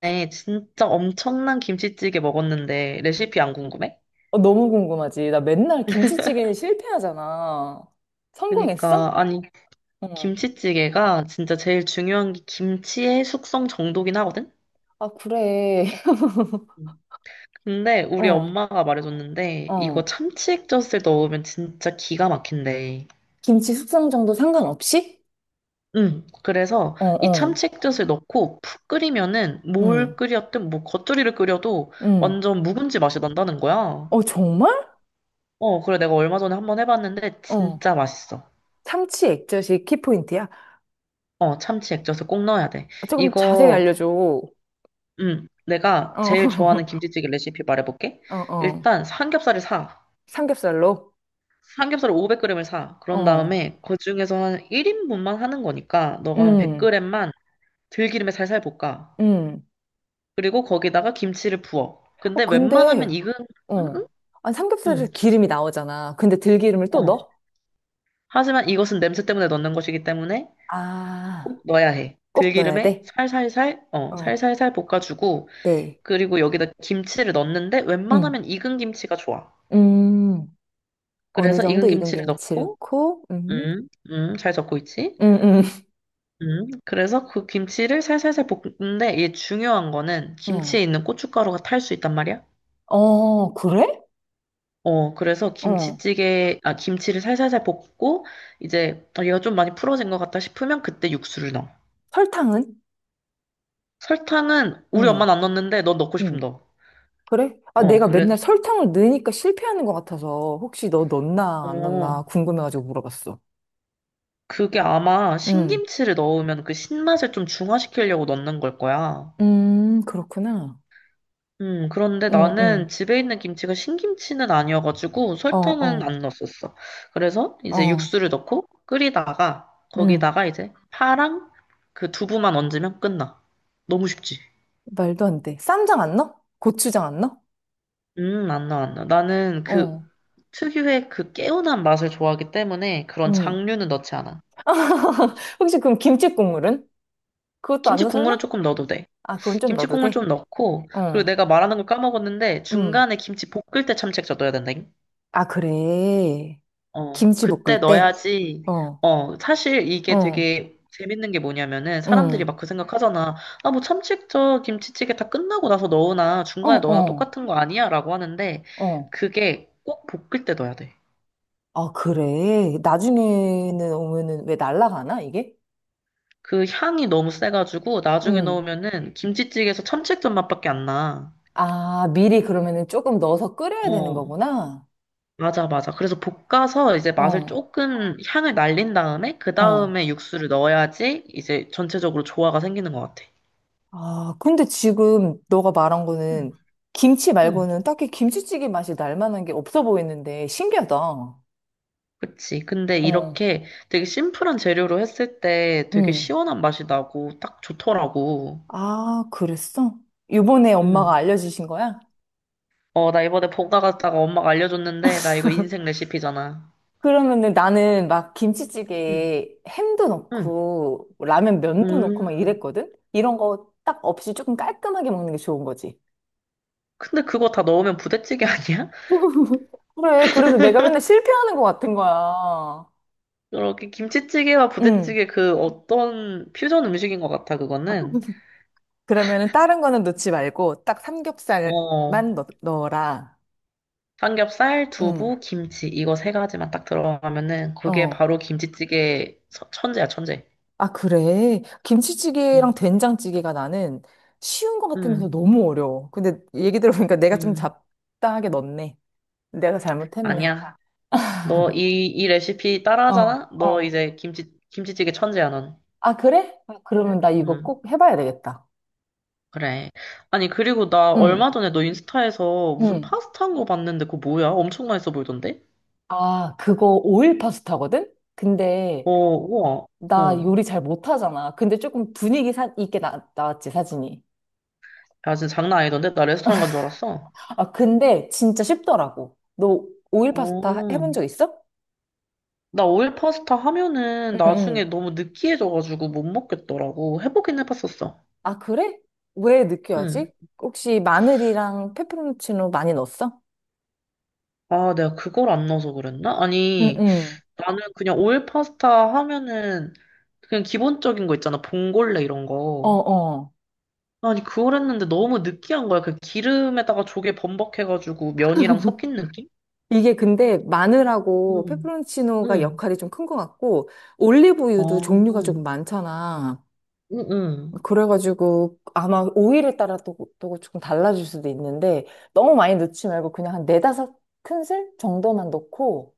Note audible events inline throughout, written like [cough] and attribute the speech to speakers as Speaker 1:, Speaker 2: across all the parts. Speaker 1: 네, 진짜 엄청난 김치찌개 먹었는데 레시피 안 궁금해?
Speaker 2: 어, 너무 궁금하지. 나 맨날 김치찌개는 실패하잖아. 성공했어?
Speaker 1: 그러니까 아니.
Speaker 2: 응.
Speaker 1: 김치찌개가 진짜 제일 중요한 게 김치의 숙성 정도긴 하거든?
Speaker 2: 아, 그래. [laughs]
Speaker 1: 음. 근데 우리
Speaker 2: 어,
Speaker 1: 엄마가 말해줬는데 이거
Speaker 2: 어.
Speaker 1: 참치 액젓을 넣으면 진짜 기가 막힌대.
Speaker 2: 김치 숙성 정도 상관없이?
Speaker 1: 응, 그래서
Speaker 2: 어,
Speaker 1: 이
Speaker 2: 어.
Speaker 1: 참치 액젓을 넣고 푹 끓이면은
Speaker 2: 응,
Speaker 1: 뭘 끓였든 뭐 겉절이를 끓여도
Speaker 2: 응.
Speaker 1: 완전 묵은지 맛이 난다는 거야.
Speaker 2: 어, 정말?
Speaker 1: 어, 그래 내가 얼마 전에 한번 해봤는데
Speaker 2: 어.
Speaker 1: 진짜 맛있어.
Speaker 2: 참치 액젓이 키포인트야?
Speaker 1: 어, 참치 액젓을 꼭 넣어야 돼.
Speaker 2: 아, 조금 자세히
Speaker 1: 이거,
Speaker 2: 알려줘. 어,
Speaker 1: 내가 제일 좋아하는
Speaker 2: [laughs]
Speaker 1: 김치찌개 레시피 말해볼게.
Speaker 2: 어, 어.
Speaker 1: 일단 삼겹살을 사.
Speaker 2: 삼겹살로?
Speaker 1: 삼겹살을 500g을 사. 그런
Speaker 2: 어.
Speaker 1: 다음에 그 중에서 한 1인분만 하는 거니까 너가 한
Speaker 2: 음,
Speaker 1: 100g만 들기름에 살살 볶아.
Speaker 2: 음.
Speaker 1: 그리고 거기다가 김치를 부어.
Speaker 2: 어,
Speaker 1: 근데 웬만하면
Speaker 2: 근데,
Speaker 1: 익은, 음,
Speaker 2: 어.
Speaker 1: 음,
Speaker 2: 아,
Speaker 1: 음,
Speaker 2: 삼겹살에서 기름이 나오잖아. 근데 들기름을
Speaker 1: 어.
Speaker 2: 또 넣어?
Speaker 1: 하지만 이것은 냄새 때문에 넣는 것이기 때문에
Speaker 2: 아,
Speaker 1: 꼭 넣어야 해.
Speaker 2: 꼭 넣어야
Speaker 1: 들기름에
Speaker 2: 돼?
Speaker 1: 살살살, 어,
Speaker 2: 어
Speaker 1: 살살살 볶아주고
Speaker 2: 네.
Speaker 1: 그리고 여기다 김치를 넣는데
Speaker 2: 음,
Speaker 1: 웬만하면 익은 김치가 좋아.
Speaker 2: 음, 어느
Speaker 1: 그래서
Speaker 2: 정도
Speaker 1: 익은
Speaker 2: 익은
Speaker 1: 김치를
Speaker 2: 김치
Speaker 1: 넣고,
Speaker 2: 넣고,
Speaker 1: 잘 적고 있지?
Speaker 2: 음, 음,
Speaker 1: 그래서 그 김치를 살살살 볶는데 이게 중요한 거는
Speaker 2: 음,
Speaker 1: 김치에 있는 고춧가루가 탈 수 있단 말이야.
Speaker 2: 어, 그래?
Speaker 1: 어, 그래서
Speaker 2: 어,
Speaker 1: 김치를 살살살 볶고, 이제, 얘가 좀 많이 풀어진 것 같다 싶으면 그때 육수를 넣어.
Speaker 2: 설탕은?
Speaker 1: 설탕은 우리
Speaker 2: 음,
Speaker 1: 엄마는 안 넣는데 넌 넣고 싶으면
Speaker 2: 음,
Speaker 1: 넣어.
Speaker 2: 그래? 아,
Speaker 1: 어,
Speaker 2: 내가
Speaker 1: 그래.
Speaker 2: 맨날 설탕을 넣으니까 실패하는 것 같아서 혹시 너 넣나 안
Speaker 1: 어,
Speaker 2: 넣나 궁금해가지고 물어봤어.
Speaker 1: 그게 아마
Speaker 2: 음,
Speaker 1: 신김치를 넣으면 그 신맛을 좀 중화시키려고 넣는 걸 거야.
Speaker 2: 그렇구나.
Speaker 1: 그런데
Speaker 2: 음,
Speaker 1: 나는
Speaker 2: 음,
Speaker 1: 집에 있는 김치가 신김치는 아니어가지고
Speaker 2: 어,
Speaker 1: 설탕은
Speaker 2: 어,
Speaker 1: 안 넣었었어. 그래서 이제
Speaker 2: 어,
Speaker 1: 육수를 넣고 끓이다가
Speaker 2: 음,
Speaker 1: 거기다가 이제 파랑 그 두부만 얹으면 끝나. 너무 쉽지?
Speaker 2: 말도 안 돼. 쌈장 안 넣어? 고추장 안 넣어?
Speaker 1: 안 나, 안 나. 나는 그
Speaker 2: 어,
Speaker 1: 특유의 그 개운한 맛을 좋아하기 때문에 그런
Speaker 2: 음.
Speaker 1: 장류는 넣지 않아.
Speaker 2: [laughs] 혹시 그럼 김치 국물은? 그것도 안
Speaker 1: 김치
Speaker 2: 넣어
Speaker 1: 국물은
Speaker 2: 설마?
Speaker 1: 조금 넣어도 돼.
Speaker 2: 아, 그건 좀
Speaker 1: 김치
Speaker 2: 넣어도
Speaker 1: 국물
Speaker 2: 돼?
Speaker 1: 좀 넣고, 그리고
Speaker 2: 어,
Speaker 1: 내가 말하는 걸 까먹었는데,
Speaker 2: 응.
Speaker 1: 중간에 김치 볶을 때 참치액젓 넣어야 된다잉?
Speaker 2: 아, 그래.
Speaker 1: 어,
Speaker 2: 김치
Speaker 1: 그때
Speaker 2: 볶을 때?
Speaker 1: 넣어야지.
Speaker 2: 어,
Speaker 1: 어, 사실 이게
Speaker 2: 어,
Speaker 1: 되게 재밌는 게 뭐냐면은, 사람들이
Speaker 2: 응.
Speaker 1: 막 그 생각하잖아. 아, 뭐 참치액젓 김치찌개 다 끝나고 나서 넣으나,
Speaker 2: 어,
Speaker 1: 중간에 넣으나
Speaker 2: 어,
Speaker 1: 똑같은 거 아니야? 라고 하는데,
Speaker 2: 어.
Speaker 1: 그게 꼭 볶을 때 넣어야 돼.
Speaker 2: 아, 그래. 나중에는 오면은 왜 날라가나, 이게?
Speaker 1: 그 향이 너무 세가지고, 나중에
Speaker 2: 응.
Speaker 1: 넣으면은, 김치찌개에서 참치액젓 맛밖에 안 나.
Speaker 2: 아, 미리 그러면은 조금 넣어서 끓여야 되는
Speaker 1: 어,
Speaker 2: 거구나?
Speaker 1: 맞아, 맞아. 그래서 볶아서 이제 맛을
Speaker 2: 어,
Speaker 1: 조금 향을 날린 다음에 그
Speaker 2: 어.
Speaker 1: 다음에 육수를 넣어야지 이제 전체적으로 조화가 생기는 것 같아.
Speaker 2: 아, 근데 지금 너가 말한
Speaker 1: 음,
Speaker 2: 거는 김치
Speaker 1: 음,
Speaker 2: 말고는 딱히 김치찌개 맛이 날 만한 게 없어 보이는데 신기하다. 어,
Speaker 1: 그치. 근데 이렇게 되게 심플한 재료로 했을 때 되게
Speaker 2: 응.
Speaker 1: 시원한 맛이 나고 딱 좋더라고.
Speaker 2: 아, 그랬어? 요번에 엄마가
Speaker 1: 음.
Speaker 2: 알려주신 거야?
Speaker 1: 어, 나 이번에 볶아 갔다가 엄마가 알려줬는데 나 이거 인생 레시피잖아.
Speaker 2: 그러면은 나는 막
Speaker 1: 음,
Speaker 2: 김치찌개에 햄도
Speaker 1: 음,
Speaker 2: 넣고 뭐 라면 면도
Speaker 1: 음.
Speaker 2: 넣고 막 이랬거든? 이런 거 딱 없이 조금 깔끔하게 먹는 게 좋은 거지.
Speaker 1: 근데 그거 다 넣으면 부대찌개 아니야? [laughs]
Speaker 2: 그래, 그래서 내가 맨날 실패하는 것 같은 거야.
Speaker 1: 이렇게 김치찌개와
Speaker 2: 응.
Speaker 1: 부대찌개 그 어떤 퓨전 음식인 것 같아, 그거는.
Speaker 2: 그러면은 다른 거는 넣지 말고 딱 삼겹살만
Speaker 1: 어,
Speaker 2: 넣어라.
Speaker 1: 삼겹살,
Speaker 2: 응.
Speaker 1: 두부, 김치 이거 세 가지만 딱 들어가면은 그게
Speaker 2: 어.
Speaker 1: 바로 김치찌개 천재야 천재.
Speaker 2: 아, 그래? 김치찌개랑
Speaker 1: 음,
Speaker 2: 된장찌개가 나는 쉬운 것 같으면서
Speaker 1: 음,
Speaker 2: 너무 어려워. 근데 얘기 들어보니까 내가 좀
Speaker 1: 음.
Speaker 2: 잡다하게 넣었네. 내가 잘못했네.
Speaker 1: 아니야. 너 이 레시피
Speaker 2: 어,
Speaker 1: 따라하잖아? 너
Speaker 2: 어.
Speaker 1: 이제 김치찌개 천재야 넌.
Speaker 2: 아, 그래? 아, 그러면 나 이거
Speaker 1: 음,
Speaker 2: 꼭 해봐야 되겠다.
Speaker 1: 그래. 아니 그리고 나
Speaker 2: 응,
Speaker 1: 얼마 전에 너 인스타에서 무슨
Speaker 2: 응.
Speaker 1: 파스타 한 거 봤는데 그거 뭐야? 엄청 맛있어 보이던데?
Speaker 2: 아, 그거 오일 파스타거든? 근데
Speaker 1: 어, 우와.
Speaker 2: 나
Speaker 1: 어.
Speaker 2: 요리 잘 못하잖아. 근데 조금 분위기 있게 나왔지, 사진이.
Speaker 1: 야 진짜 장난 아니던데? 나 레스토랑 간 줄 알았어.
Speaker 2: 아, 근데 진짜 쉽더라고. 너 오일 파스타
Speaker 1: 어.
Speaker 2: 해본 적 있어?
Speaker 1: 나 오일 파스타 하면은
Speaker 2: 응,
Speaker 1: 나중에
Speaker 2: 응.
Speaker 1: 너무 느끼해져가지고 못 먹겠더라고. 해보긴 해봤었어.
Speaker 2: 아, 그래? 왜 늦게
Speaker 1: 응.
Speaker 2: 하지? 혹시 마늘이랑 페페론치노 많이 넣었어?
Speaker 1: 아, 내가 그걸 안 넣어서 그랬나?
Speaker 2: 응,
Speaker 1: 아니,
Speaker 2: 응.
Speaker 1: 나는 그냥 오일 파스타 하면은 그냥 기본적인 거 있잖아. 봉골레 이런
Speaker 2: 어,
Speaker 1: 거.
Speaker 2: 어.
Speaker 1: 아니, 그걸 했는데 너무 느끼한 거야. 그 기름에다가 조개 범벅해가지고 면이랑 섞인 느낌?
Speaker 2: 이게 근데 마늘하고
Speaker 1: 응,
Speaker 2: 페페론치노가
Speaker 1: 응.
Speaker 2: 역할이 좀 큰 것 같고,
Speaker 1: 아,
Speaker 2: 올리브유도 종류가 조금
Speaker 1: 응,
Speaker 2: 많잖아.
Speaker 1: 응,
Speaker 2: 그래가지고 아마 오일에 따라 또 조금 달라질 수도 있는데, 너무 많이 넣지 말고 그냥 한 네다섯 큰술 정도만 넣고,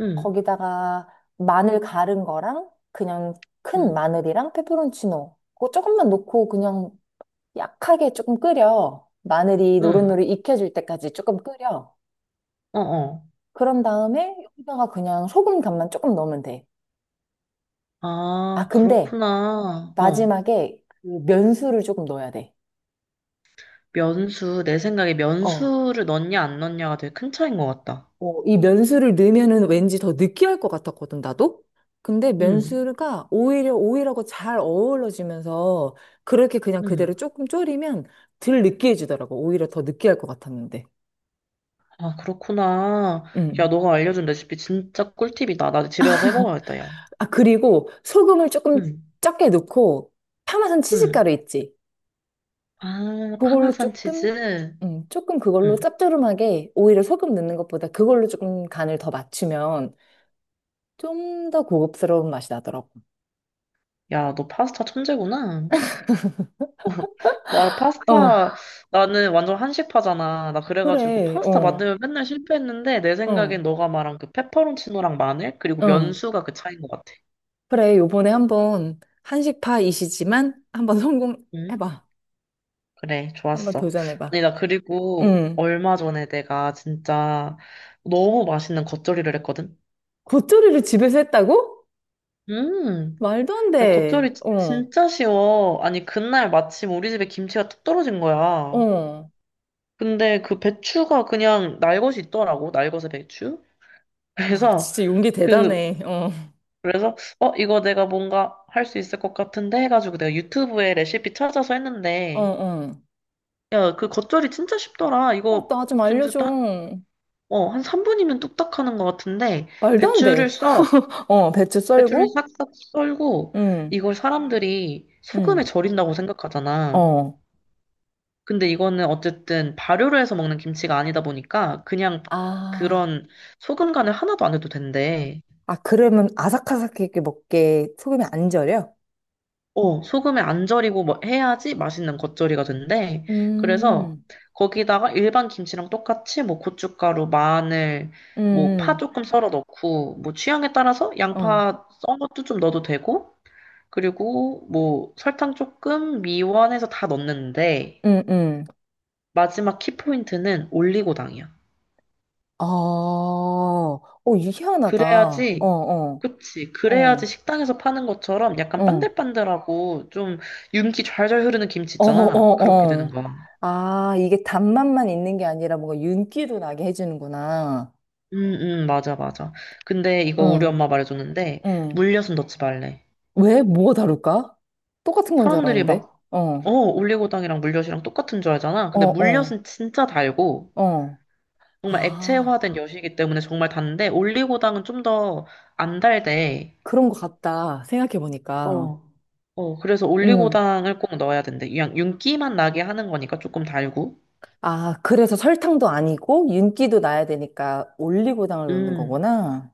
Speaker 1: 응,
Speaker 2: 거기다가 마늘 갈은 거랑 그냥 큰
Speaker 1: 응,
Speaker 2: 마늘이랑 페페론치노 그거 조금만 넣고 그냥 약하게 조금 끓여. 마늘이
Speaker 1: 응.
Speaker 2: 노릇노릇 익혀질 때까지 조금 끓여.
Speaker 1: 어, 어.
Speaker 2: 그런 다음에 여기다가 그냥 소금 간만 조금 넣으면 돼. 아,
Speaker 1: 아,
Speaker 2: 근데
Speaker 1: 그렇구나. 어.
Speaker 2: 마지막에 그 면수를 조금 넣어야 돼.
Speaker 1: 면수, 내 생각에
Speaker 2: 어.
Speaker 1: 면수를 넣냐 안 넣냐가 되게 큰 차이인 것 같다.
Speaker 2: 어, 이 면수를 넣으면은 왠지 더 느끼할 것 같았거든, 나도? 근데
Speaker 1: 음,
Speaker 2: 면수가 오히려 오일하고 잘 어우러지면서 그렇게 그냥 그대로
Speaker 1: 음.
Speaker 2: 조금 졸이면 덜 느끼해지더라고. 오히려 더 느끼할 것 같았는데.
Speaker 1: 아, 그렇구나. 야,
Speaker 2: 음.
Speaker 1: 너가 알려준 레시피 진짜 꿀팁이다. 나도 집에 가서 해먹어야겠다, 야.
Speaker 2: 아, 그리고 소금을 조금
Speaker 1: 음,
Speaker 2: 적게 넣고 파마산
Speaker 1: 음.
Speaker 2: 치즈가루 있지.
Speaker 1: 아,
Speaker 2: 그걸로
Speaker 1: 파마산
Speaker 2: 조금,
Speaker 1: 치즈.
Speaker 2: 조금 그걸로
Speaker 1: 음.
Speaker 2: 짭조름하게 오히려 소금 넣는 것보다 그걸로 조금 간을 더 맞추면 좀 더 고급스러운 맛이 나더라고.
Speaker 1: 야, 너 파스타 천재구나. [laughs] 나
Speaker 2: 어,
Speaker 1: 파스타, 나는 완전 한식파잖아. 나 그래가지고
Speaker 2: 그래,
Speaker 1: 파스타
Speaker 2: 어,
Speaker 1: 만들면 맨날 실패했는데, 내
Speaker 2: 응,
Speaker 1: 생각엔 너가 말한 그 페퍼론치노랑 마늘, 그리고
Speaker 2: 응.
Speaker 1: 면수가 그 차이인 것 같아.
Speaker 2: 그래, 요번에 한번 한식파이시지만 한번
Speaker 1: 음.
Speaker 2: 성공해봐.
Speaker 1: 그래,
Speaker 2: 한번
Speaker 1: 좋았어.
Speaker 2: 도전해봐.
Speaker 1: 아니, 나 그리고
Speaker 2: 응.
Speaker 1: 얼마 전에 내가 진짜 너무 맛있는 겉절이를 했거든?
Speaker 2: 겉절이를 집에서 했다고?
Speaker 1: 음,
Speaker 2: 말도 안
Speaker 1: 야,
Speaker 2: 돼.
Speaker 1: 겉절이
Speaker 2: 어,
Speaker 1: 진짜 쉬워. 아니, 그날 마침 우리 집에 김치가 뚝 떨어진 거야.
Speaker 2: 어.
Speaker 1: 근데 그 배추가 그냥 날것이 있더라고, 날것의 배추? [laughs]
Speaker 2: 어,
Speaker 1: 그래서,
Speaker 2: 진짜 용기
Speaker 1: 그,
Speaker 2: 대단해. 어.
Speaker 1: 그래서, 어, 이거 내가 뭔가 할 수 있을 것 같은데 해가지고 내가 유튜브에 레시피 찾아서
Speaker 2: 어,
Speaker 1: 했는데,
Speaker 2: 어.
Speaker 1: 야, 그 겉절이 진짜 쉽더라.
Speaker 2: 어,
Speaker 1: 이거
Speaker 2: 나 좀
Speaker 1: 진짜
Speaker 2: 알려줘.
Speaker 1: 어, 한 3분이면 뚝딱 하는 것 같은데,
Speaker 2: 말도 안
Speaker 1: 배추를
Speaker 2: 돼.
Speaker 1: 썰어.
Speaker 2: 어, 배추
Speaker 1: 배추를
Speaker 2: 썰고,
Speaker 1: 싹싹 썰고,
Speaker 2: 응,
Speaker 1: 이걸 사람들이
Speaker 2: 응,
Speaker 1: 소금에 절인다고 생각하잖아.
Speaker 2: 어.
Speaker 1: 근데 이거는 어쨌든 발효를 해서 먹는 김치가 아니다 보니까, 그냥
Speaker 2: 아,
Speaker 1: 그런 소금 간을 하나도 안 해도 된대.
Speaker 2: 아, 그러면 아삭아삭하게 먹게 소금이 안 절여?
Speaker 1: 어, 소금에 안 절이고 뭐 해야지 맛있는 겉절이가 된대. 그래서
Speaker 2: 음,
Speaker 1: 거기다가 일반 김치랑 똑같이 뭐 고춧가루, 마늘, 뭐 파
Speaker 2: 응,
Speaker 1: 조금 썰어 넣고, 뭐 취향에 따라서
Speaker 2: 어,
Speaker 1: 양파 썬 것도 좀 넣어도 되고, 그리고 뭐 설탕 조금 미원해서 다 넣는데
Speaker 2: 응, 응.
Speaker 1: 마지막 키포인트는 올리고당이야.
Speaker 2: 아, 어, 이게 희한하다. 어,
Speaker 1: 그래야지,
Speaker 2: 어,
Speaker 1: 그치. 그래야지
Speaker 2: 어,
Speaker 1: 식당에서 파는 것처럼 약간
Speaker 2: 어,
Speaker 1: 반들반들하고 좀 윤기 좌절 흐르는 김치
Speaker 2: 어,
Speaker 1: 있잖아. 그렇게
Speaker 2: 어,
Speaker 1: 되는
Speaker 2: 어.
Speaker 1: 거야.
Speaker 2: 아, 이게 단맛만 있는 게 아니라 뭔가 윤기도 나게 해주는구나.
Speaker 1: 맞아, 맞아. 근데 이거 우리
Speaker 2: 응,
Speaker 1: 엄마 말해줬는데
Speaker 2: 응.
Speaker 1: 물엿은 넣지 말래.
Speaker 2: 왜? 뭐가 다를까? 똑같은 건 줄
Speaker 1: 사람들이
Speaker 2: 알았는데.
Speaker 1: 막, 어,
Speaker 2: 어,
Speaker 1: 올리고당이랑 물엿이랑 똑같은 줄 알잖아.
Speaker 2: 어,
Speaker 1: 근데
Speaker 2: 어,
Speaker 1: 물엿은 진짜 달고
Speaker 2: 어.
Speaker 1: 정말
Speaker 2: 아,
Speaker 1: 액체화된 엿이기 때문에 정말 단데 올리고당은 좀 더 안 달대.
Speaker 2: 그런 것 같다. 생각해보니까.
Speaker 1: 어. 어, 그래서
Speaker 2: 음.
Speaker 1: 올리고당을 꼭 넣어야 된대. 그냥 윤기만 나게 하는 거니까 조금 달고.
Speaker 2: 아, 그래서 설탕도 아니고 윤기도 나야 되니까 올리고당을 넣는
Speaker 1: 음,
Speaker 2: 거구나.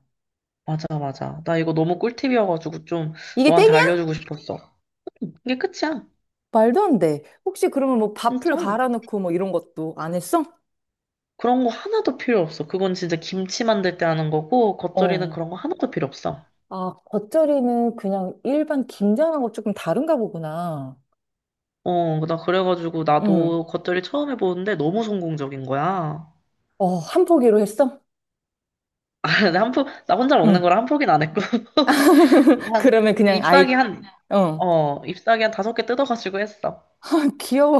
Speaker 1: 맞아, 맞아. 나 이거 너무 꿀팁이어가지고 좀
Speaker 2: 이게
Speaker 1: 너한테
Speaker 2: 땡이야?
Speaker 1: 알려주고 싶었어. 이게 끝이야.
Speaker 2: 말도 안 돼. 혹시 그러면 뭐 밥풀
Speaker 1: 진짜.
Speaker 2: 갈아 넣고 뭐 이런 것도 안 했어?
Speaker 1: 그런 거 하나도 필요 없어. 그건 진짜 김치 만들 때 하는 거고, 겉절이는
Speaker 2: 어.
Speaker 1: 그런 거 하나도 필요 없어.
Speaker 2: 아, 겉절이는 그냥 일반 김장하고 조금 다른가 보구나.
Speaker 1: 어, 나 그래가지고
Speaker 2: 응.
Speaker 1: 나도 겉절이 처음 해보는데 너무 성공적인 거야.
Speaker 2: 어, 한 포기로 했어?
Speaker 1: [laughs] 근데 한 포, 나 혼자 먹는
Speaker 2: 응.
Speaker 1: 거라 한 포기는 안 했고. [laughs]
Speaker 2: [laughs]
Speaker 1: 한,
Speaker 2: 그러면 그냥
Speaker 1: 잎사귀
Speaker 2: 아예,
Speaker 1: 한,
Speaker 2: 어.
Speaker 1: 어, 잎사귀 한 다섯 개 뜯어가지고 했어.
Speaker 2: [laughs] 귀여워.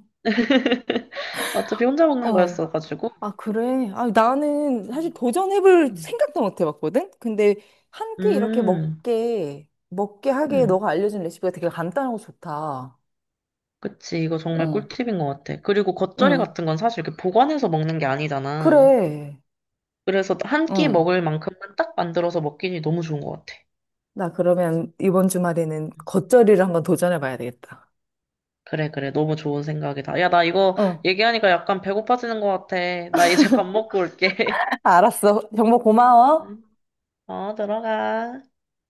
Speaker 2: [laughs]
Speaker 1: [laughs] 어차피 혼자 먹는
Speaker 2: 어.
Speaker 1: 거였어가지고.
Speaker 2: 아, 그래? 아, 나는 사실 도전해볼
Speaker 1: 음,
Speaker 2: 생각도 못 해봤거든? 근데 한 끼 이렇게
Speaker 1: 음,
Speaker 2: 먹게 하게
Speaker 1: 음.
Speaker 2: 너가 알려준 레시피가 되게 간단하고 좋다.
Speaker 1: 그치. 이거 정말
Speaker 2: 응,
Speaker 1: 꿀팁인 것 같아. 그리고 겉절이
Speaker 2: 응.
Speaker 1: 같은 건 사실 이렇게 보관해서 먹는 게 아니잖아.
Speaker 2: 그래.
Speaker 1: 그래서 한 끼
Speaker 2: 응.
Speaker 1: 먹을 만큼만 딱 만들어서 먹기니 너무 좋은 것 같아.
Speaker 2: 나 그러면 이번 주말에는 겉절이를 한번 도전해봐야 되겠다.
Speaker 1: 그래, 그래. 너무 좋은 생각이다. 야, 나 이거
Speaker 2: 응.
Speaker 1: 얘기하니까 약간 배고파지는 것 같아. 나 이제 밥 먹고 올게.
Speaker 2: [laughs] 알았어. 정보 고마워.
Speaker 1: [laughs] 어, 들어가.